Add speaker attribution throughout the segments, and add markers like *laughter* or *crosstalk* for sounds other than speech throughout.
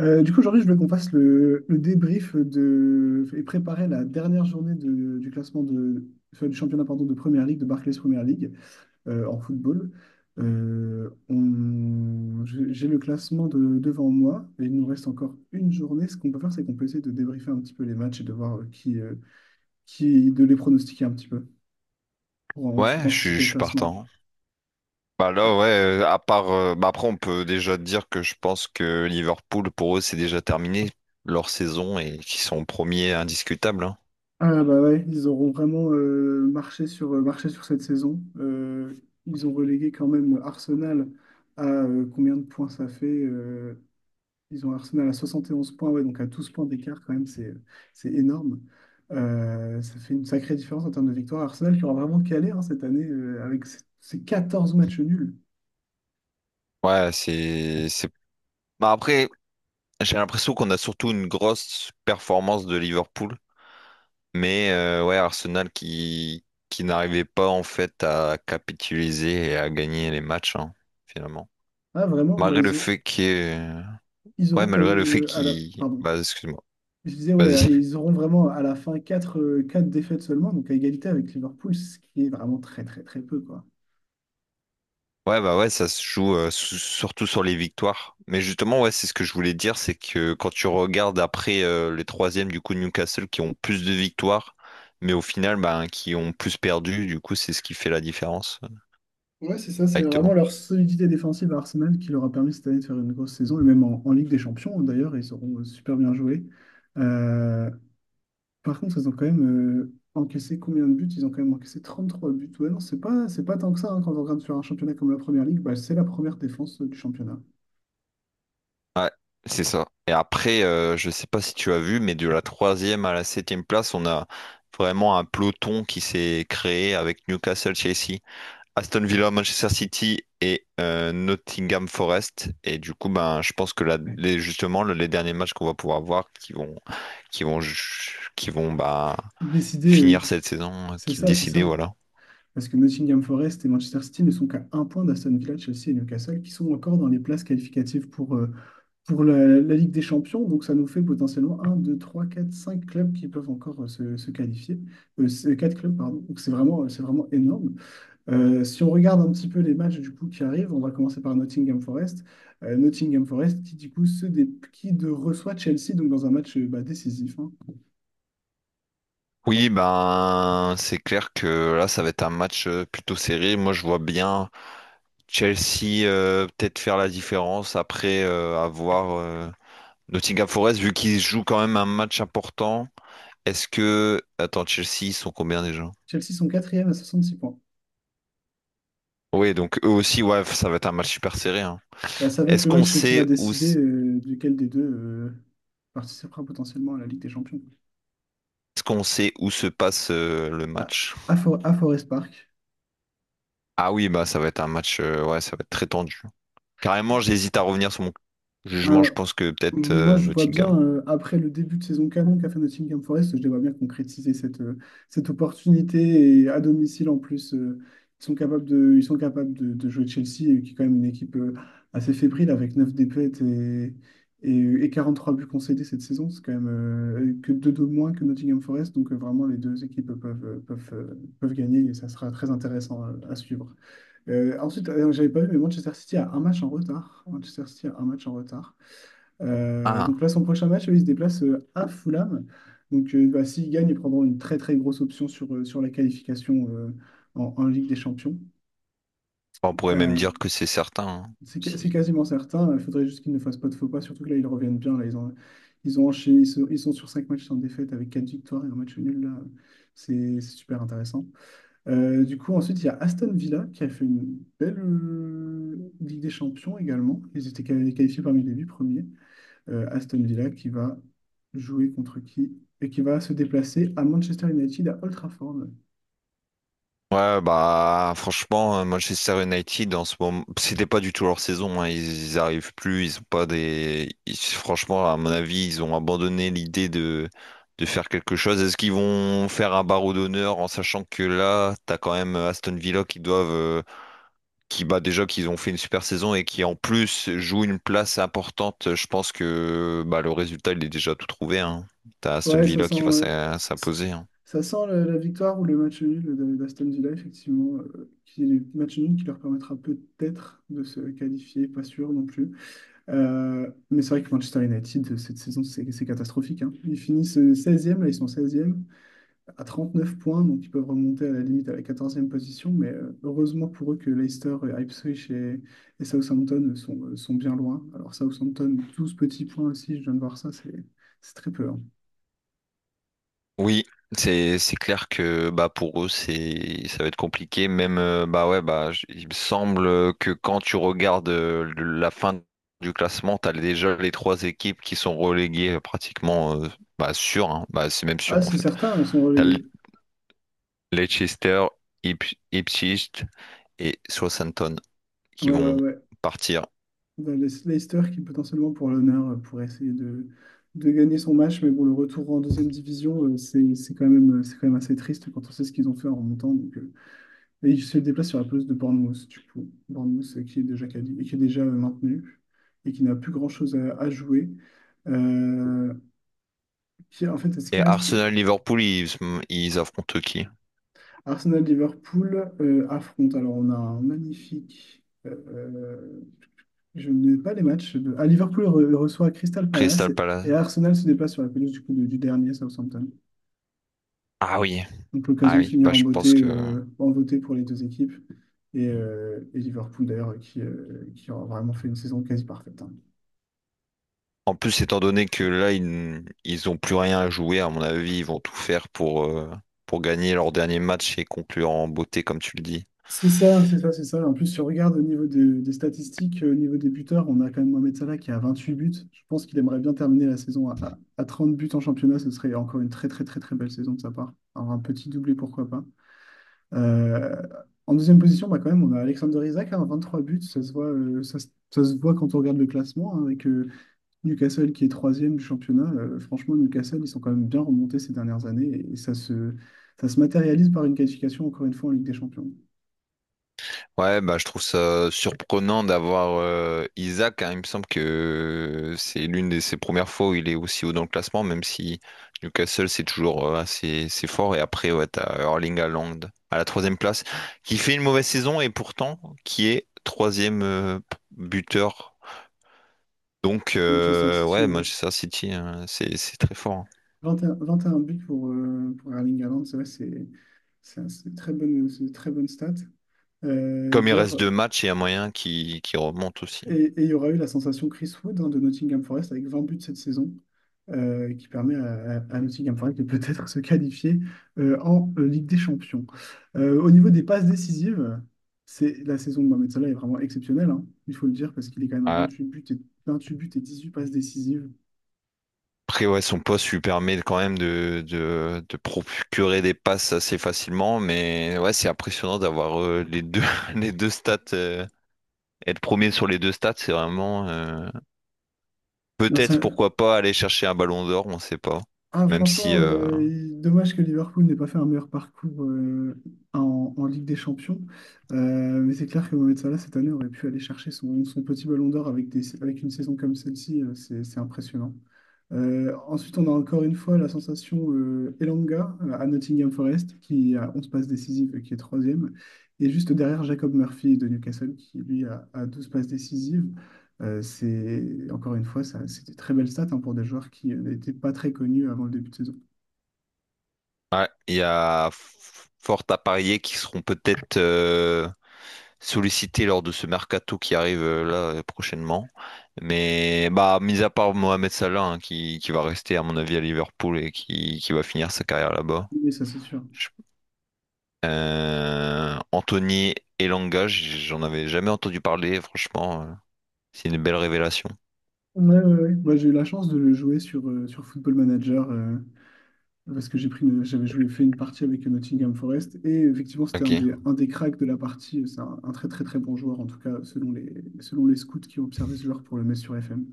Speaker 1: Aujourd'hui, je veux qu'on fasse le débrief de, et préparer la dernière journée du classement de, du championnat pardon, de Première Ligue, de Barclays Première League en football. J'ai le classement devant moi et il nous reste encore une journée. Ce qu'on peut faire, c'est qu'on peut essayer de débriefer un petit peu les matchs et de voir qui de les pronostiquer un petit peu pour ensuite
Speaker 2: Ouais, je suis,
Speaker 1: anticiper
Speaker 2: je
Speaker 1: le
Speaker 2: suis
Speaker 1: classement.
Speaker 2: partant. Là, ouais, à part. Bah après, on peut déjà dire que je pense que Liverpool, pour eux, c'est déjà terminé leur saison et qu'ils sont premiers indiscutables, hein.
Speaker 1: Ah bah ouais, ils auront vraiment marché sur, marché sur cette saison. Ils ont relégué quand même Arsenal à combien de points ça fait? Ils ont Arsenal à 71 points, ouais, donc à 12 points d'écart quand même, c'est énorme. Ça fait une sacrée différence en termes de victoire. Arsenal qui aura vraiment calé hein, cette année avec ses 14 matchs nuls.
Speaker 2: Ouais, bah après, j'ai l'impression qu'on a surtout une grosse performance de Liverpool. Mais ouais, Arsenal qui n'arrivait pas en fait à capitaliser et à gagner les matchs, hein, finalement.
Speaker 1: Ah vraiment,
Speaker 2: Malgré le fait qu'il...
Speaker 1: ils
Speaker 2: Ouais,
Speaker 1: auront
Speaker 2: malgré le fait qu'il...
Speaker 1: pardon.
Speaker 2: Bah, excuse-moi.
Speaker 1: Je disais,
Speaker 2: Vas-y.
Speaker 1: et ils auront vraiment à la fin 4 défaites seulement, donc à égalité avec Liverpool, ce qui est vraiment très très très peu, quoi.
Speaker 2: Ouais, bah ouais, ça se joue surtout sur les victoires. Mais justement, ouais, c'est ce que je voulais dire, c'est que quand tu regardes après les troisièmes, du coup, Newcastle qui ont plus de victoires, mais au final, bah, qui ont plus perdu, du coup, c'est ce qui fait la différence
Speaker 1: Ouais, c'est vraiment
Speaker 2: directement.
Speaker 1: leur solidité défensive à Arsenal qui leur a permis cette année de faire une grosse saison, et même en Ligue des Champions d'ailleurs, ils auront super bien joué. Euh, Par contre, ils ont quand même encaissé combien de buts? Ils ont quand même encaissé 33 buts. Ouais, non, c'est pas tant que ça, hein, quand on regarde sur un championnat comme la Première Ligue, bah, c'est la première défense du championnat.
Speaker 2: Ouais, c'est ça. Et après, je sais pas si tu as vu, mais de la troisième à la septième place, on a vraiment un peloton qui s'est créé avec Newcastle, Chelsea, Aston Villa, Manchester City et Nottingham Forest. Et du coup, ben, je pense que là,
Speaker 1: Ouais.
Speaker 2: justement, les derniers matchs qu'on va pouvoir voir qui vont, ju- qui vont bah,
Speaker 1: Décider,
Speaker 2: finir cette saison,
Speaker 1: c'est
Speaker 2: qui
Speaker 1: ça, c'est
Speaker 2: décider,
Speaker 1: ça.
Speaker 2: voilà.
Speaker 1: Parce que Nottingham Forest et Manchester City ne sont qu'à un point d'Aston Villa, Chelsea et Newcastle, qui sont encore dans les places qualificatives pour la Ligue des Champions. Donc ça nous fait potentiellement un, 2, 3, 4, 5 clubs qui peuvent encore se qualifier. Quatre clubs, pardon. Donc c'est vraiment énorme. Si on regarde un petit peu les matchs du coup qui arrivent, on va commencer par Nottingham Forest. Nottingham Forest qui du coup qui de reçoit Chelsea donc dans un match décisif. Hein.
Speaker 2: Oui, ben, c'est clair que là, ça va être un match plutôt serré. Moi, je vois bien Chelsea peut-être faire la différence après avoir Nottingham Forest, vu qu'ils jouent quand même un match important. Est-ce que... Attends, Chelsea, ils sont combien déjà?
Speaker 1: Chelsea sont quatrième à 66 points.
Speaker 2: Oui, donc eux aussi, ouais, ça va être un match super serré, hein.
Speaker 1: Bah, ça va être
Speaker 2: Est-ce
Speaker 1: le
Speaker 2: qu'on
Speaker 1: match qui va
Speaker 2: sait où
Speaker 1: décider
Speaker 2: s-
Speaker 1: duquel des deux participera potentiellement à la Ligue des Champions.
Speaker 2: Est-ce qu'on sait où se passe le
Speaker 1: À,
Speaker 2: match?
Speaker 1: à Forest Park.
Speaker 2: Ah oui, bah ça va être un match, ouais, ça va être très tendu. Carrément, j'hésite à revenir sur mon jugement. Je
Speaker 1: Un,
Speaker 2: pense que peut-être
Speaker 1: Moi, je vois
Speaker 2: Nottingham.
Speaker 1: bien, après le début de saison canon qu'a fait Nottingham Forest, je les vois bien concrétiser cette opportunité. Et à domicile, en plus, ils sont capables de jouer Chelsea, qui est quand même une équipe assez fébrile, avec 9 défaites et, et 43 buts concédés cette saison. C'est quand même que 2 de moins que Nottingham Forest. Donc, vraiment, les deux équipes peuvent gagner et ça sera très intéressant à suivre. Ensuite, j'avais pas vu, mais Manchester City a un match en retard. Donc
Speaker 2: Ah,
Speaker 1: là, son prochain match, il se déplace à Fulham. Donc bah, s'il gagne, ils prendront une très très grosse option sur la qualification en Ligue des Champions.
Speaker 2: on pourrait même
Speaker 1: Euh,
Speaker 2: dire que c'est certain, hein,
Speaker 1: c'est
Speaker 2: si.
Speaker 1: quasiment certain. Il faudrait juste qu'ils ne fassent pas de faux pas, surtout que là, ils reviennent bien. Là, ils ont enchaîné, ils sont sur 5 matchs sans défaite avec 4 victoires et un match nul. Là, c'est super intéressant. Ensuite, il y a Aston Villa qui a fait une belle Ligue des Champions également. Ils étaient qualifiés parmi les 8 premiers Aston Villa qui va jouer contre qui et qui va se déplacer à Manchester United à Old Trafford.
Speaker 2: Ouais, bah franchement, Manchester United en ce moment, c'était pas du tout leur saison, hein. Ils arrivent plus, ils ont pas des. Franchement, à mon avis, ils ont abandonné l'idée de faire quelque chose. Est-ce qu'ils vont faire un barreau d'honneur en sachant que là, t'as quand même Aston Villa qui doivent, qui bah déjà qu'ils ont fait une super saison et qui en plus jouent une place importante. Je pense que bah le résultat, il est déjà tout trouvé, hein. T'as Aston
Speaker 1: Ouais,
Speaker 2: Villa qui va
Speaker 1: ça,
Speaker 2: s'imposer, hein.
Speaker 1: ça sent la victoire ou le match nul d'Aston Villa, effectivement, qui est le match nul qui leur permettra peut-être de se qualifier, pas sûr non plus. Mais c'est vrai que Manchester United, cette saison, c'est catastrophique. Hein. Ils finissent seizième, là, ils sont seizième à 39 points, donc ils peuvent remonter à la limite à la 14e position, mais heureusement pour eux que Leicester, et Ipswich et Southampton sont bien loin. Alors Southampton, 12 petits points aussi, je viens de voir ça, c'est très peu. Hein.
Speaker 2: Oui, c'est clair que bah pour eux c'est ça va être compliqué. Même bah ouais bah il me semble que quand tu regardes la fin du classement, t'as déjà les trois équipes qui sont reléguées pratiquement bah sûr, hein. Bah c'est même sûr
Speaker 1: Ah,
Speaker 2: en
Speaker 1: c'est
Speaker 2: fait.
Speaker 1: certain, elles sont
Speaker 2: T'as Le-
Speaker 1: reléguées.
Speaker 2: Leicester, Ipswich et Southampton qui
Speaker 1: Ouais, ouais,
Speaker 2: vont
Speaker 1: ouais.
Speaker 2: partir.
Speaker 1: Leicester qui potentiellement pour l'honneur pourrait essayer de gagner son match, mais bon, le retour en deuxième division, c'est quand même assez triste quand on sait ce qu'ils ont fait en remontant. Donc, et il se déplace sur la pelouse de Bournemouth, du coup. Bournemouth qui est déjà et qui est déjà maintenu et qui n'a plus grand-chose à jouer. Euh, qui, en fait, ce qui
Speaker 2: Et
Speaker 1: reste,
Speaker 2: Arsenal, Liverpool, ils affrontent qui?
Speaker 1: Arsenal-Liverpool affronte. Alors, on a un magnifique. Je n'ai pas les matchs. De... Ah, Liverpool reçoit Crystal Palace
Speaker 2: Crystal Palace.
Speaker 1: et Arsenal se déplace sur la pelouse du dernier Southampton.
Speaker 2: Ah oui,
Speaker 1: Donc,
Speaker 2: ah
Speaker 1: l'occasion de
Speaker 2: oui, bah
Speaker 1: finir
Speaker 2: je pense que.
Speaker 1: en beauté pour les deux équipes. Et Liverpool, d'ailleurs, qui a vraiment fait une saison quasi parfaite. Hein.
Speaker 2: En plus, étant donné que là, ils ont plus rien à jouer, à mon avis, ils vont tout faire pour gagner leur dernier match et conclure en beauté, comme tu le dis.
Speaker 1: C'est ça, c'est ça, c'est ça. En plus, si on regarde au niveau des statistiques, au niveau des buteurs, on a quand même Mohamed Salah qui a 28 buts. Je pense qu'il aimerait bien terminer la saison à 30 buts en championnat. Ce serait encore une très, très, très, très belle saison de sa part. Alors, un petit doublé, pourquoi pas. Euh, En deuxième position, bah, quand même, on a Alexander Isak, hein, trois buts. Ça se voit, ça se voit quand on regarde le classement, hein, avec Newcastle qui est troisième du championnat. Franchement, Newcastle, ils sont quand même bien remontés ces dernières années et ça se matérialise par une qualification, encore une fois, en Ligue des Champions.
Speaker 2: Ouais, bah, je trouve ça surprenant d'avoir Isaac, hein. Il me semble que c'est l'une de ses premières fois où il est aussi haut dans le classement, même si Newcastle, c'est toujours assez fort. Et après, ouais, t'as Erling Haaland à la troisième place, qui fait une mauvaise saison et pourtant qui est troisième buteur. Donc,
Speaker 1: Manchester City,
Speaker 2: ouais,
Speaker 1: ouais.
Speaker 2: Manchester City, hein, c'est très fort, hein.
Speaker 1: 21 buts pour Erling Haaland, c'est vrai, c'est une très bonne stat. Euh,
Speaker 2: Comme il reste
Speaker 1: d'ailleurs,
Speaker 2: deux matchs, il y a moyen qui remonte aussi.
Speaker 1: et il y aura eu la sensation Chris Wood hein, de Nottingham Forest avec 20 buts cette saison, qui permet à Nottingham Forest de peut-être *laughs* se qualifier en Ligue des Champions. Au niveau des passes décisives, c'est la saison de Mohamed Salah est vraiment exceptionnelle, hein, il faut le dire, parce qu'il est quand même à
Speaker 2: Ah,
Speaker 1: 28 buts et 18 passes décisives.
Speaker 2: après, ouais, son poste lui permet quand même de procurer des passes assez facilement, mais ouais, c'est impressionnant d'avoir les deux, *laughs* les deux stats. Être premier sur les deux stats, c'est vraiment
Speaker 1: Là, ça-
Speaker 2: peut-être pourquoi pas aller chercher un ballon d'or, on sait pas.
Speaker 1: Ah,
Speaker 2: Même si
Speaker 1: franchement, dommage que Liverpool n'ait pas fait un meilleur parcours en Ligue des Champions. Mais c'est clair que Mohamed Salah, cette année, aurait pu aller chercher son petit ballon d'or avec avec une saison comme celle-ci. C'est impressionnant. Ensuite, on a encore une fois la sensation Elanga à Nottingham Forest, qui a 11 passes décisives et qui est troisième. Et juste derrière, Jacob Murphy de Newcastle, qui a 12 passes décisives. Encore une fois, ça, c'était très belle stat hein, pour des joueurs qui n'étaient pas très connus avant le début de saison.
Speaker 2: ouais, il y a fort à parier qu'ils seront peut-être sollicité lors de ce mercato qui arrive là prochainement. Mais bah, mis à part Mohamed Salah, hein, qui va rester à mon avis à Liverpool et qui va finir sa carrière là-bas.
Speaker 1: Mais ça, c'est sûr.
Speaker 2: Je- Anthony Elanga, j'en avais jamais entendu parler, franchement, c'est une belle révélation.
Speaker 1: Ouais, ouais, ouais. Moi, j'ai eu la chance de le jouer sur Football Manager parce que j'avais joué, fait une partie avec Nottingham Forest et effectivement, c'était
Speaker 2: Ok.
Speaker 1: un des cracks de la partie. C'est un très, très, très bon joueur, en tout cas, selon les scouts qui ont observé ce joueur pour le mettre sur FM.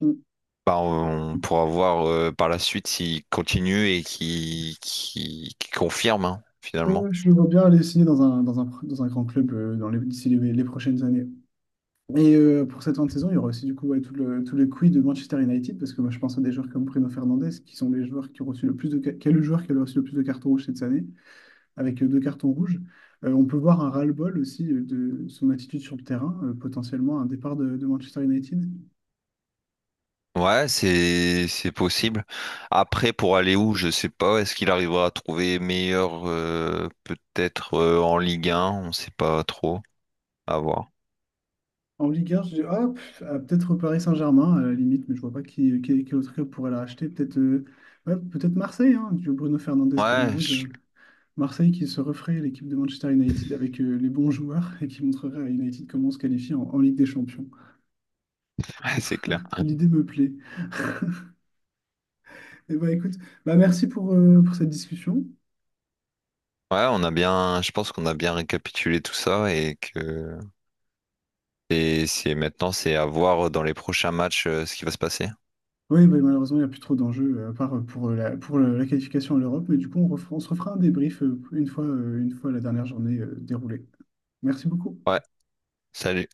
Speaker 1: Mm.
Speaker 2: Bah, on pourra voir par la suite s'il continue et confirme, hein,
Speaker 1: Ouais,
Speaker 2: finalement.
Speaker 1: ouais, je le vois bien aller signer dans un grand club d'ici les prochaines années. Pour cette fin de saison, il y aura aussi du coup ouais, tout le quiz de Manchester United, parce que moi je pense à des joueurs comme Bruno Fernandes, qui sont les joueurs qui ont reçu le plus de, ca- qui est le joueur qui a reçu le plus de cartons rouges cette année, avec deux cartons rouges. On peut voir un ras-le-bol aussi de son attitude sur le terrain, potentiellement un départ de Manchester United.
Speaker 2: Ouais, c'est possible. Après, pour aller où, je sais pas. Est-ce qu'il arrivera à trouver meilleur, peut-être en Ligue 1, on sait pas trop. À voir.
Speaker 1: En Ligue 1, je dis, ah, pff, ah, peut-être au Paris Saint-Germain, à la limite, mais je vois pas quel autre club pourrait la racheter. Peut-être ouais, peut-être Marseille, hein, du Bruno Fernandes
Speaker 2: Ouais, je-
Speaker 1: Greenwood. Marseille qui se referait l'équipe de Manchester United avec les bons joueurs et qui montrerait à United comment se qualifier en Ligue des Champions.
Speaker 2: *laughs* ouais, c'est clair.
Speaker 1: L'idée me plaît. Et bah écoute, bah merci pour cette discussion.
Speaker 2: Ouais, on a bien, je pense qu'on a bien récapitulé tout ça et que et c'est maintenant c'est à voir dans les prochains matchs ce qui va se passer.
Speaker 1: Oui, bah, malheureusement, il n'y a plus trop d'enjeux à part pour la qualification à l'Europe, mais du coup, on se refera un débrief une fois la dernière journée déroulée. Merci beaucoup.
Speaker 2: Ouais, salut.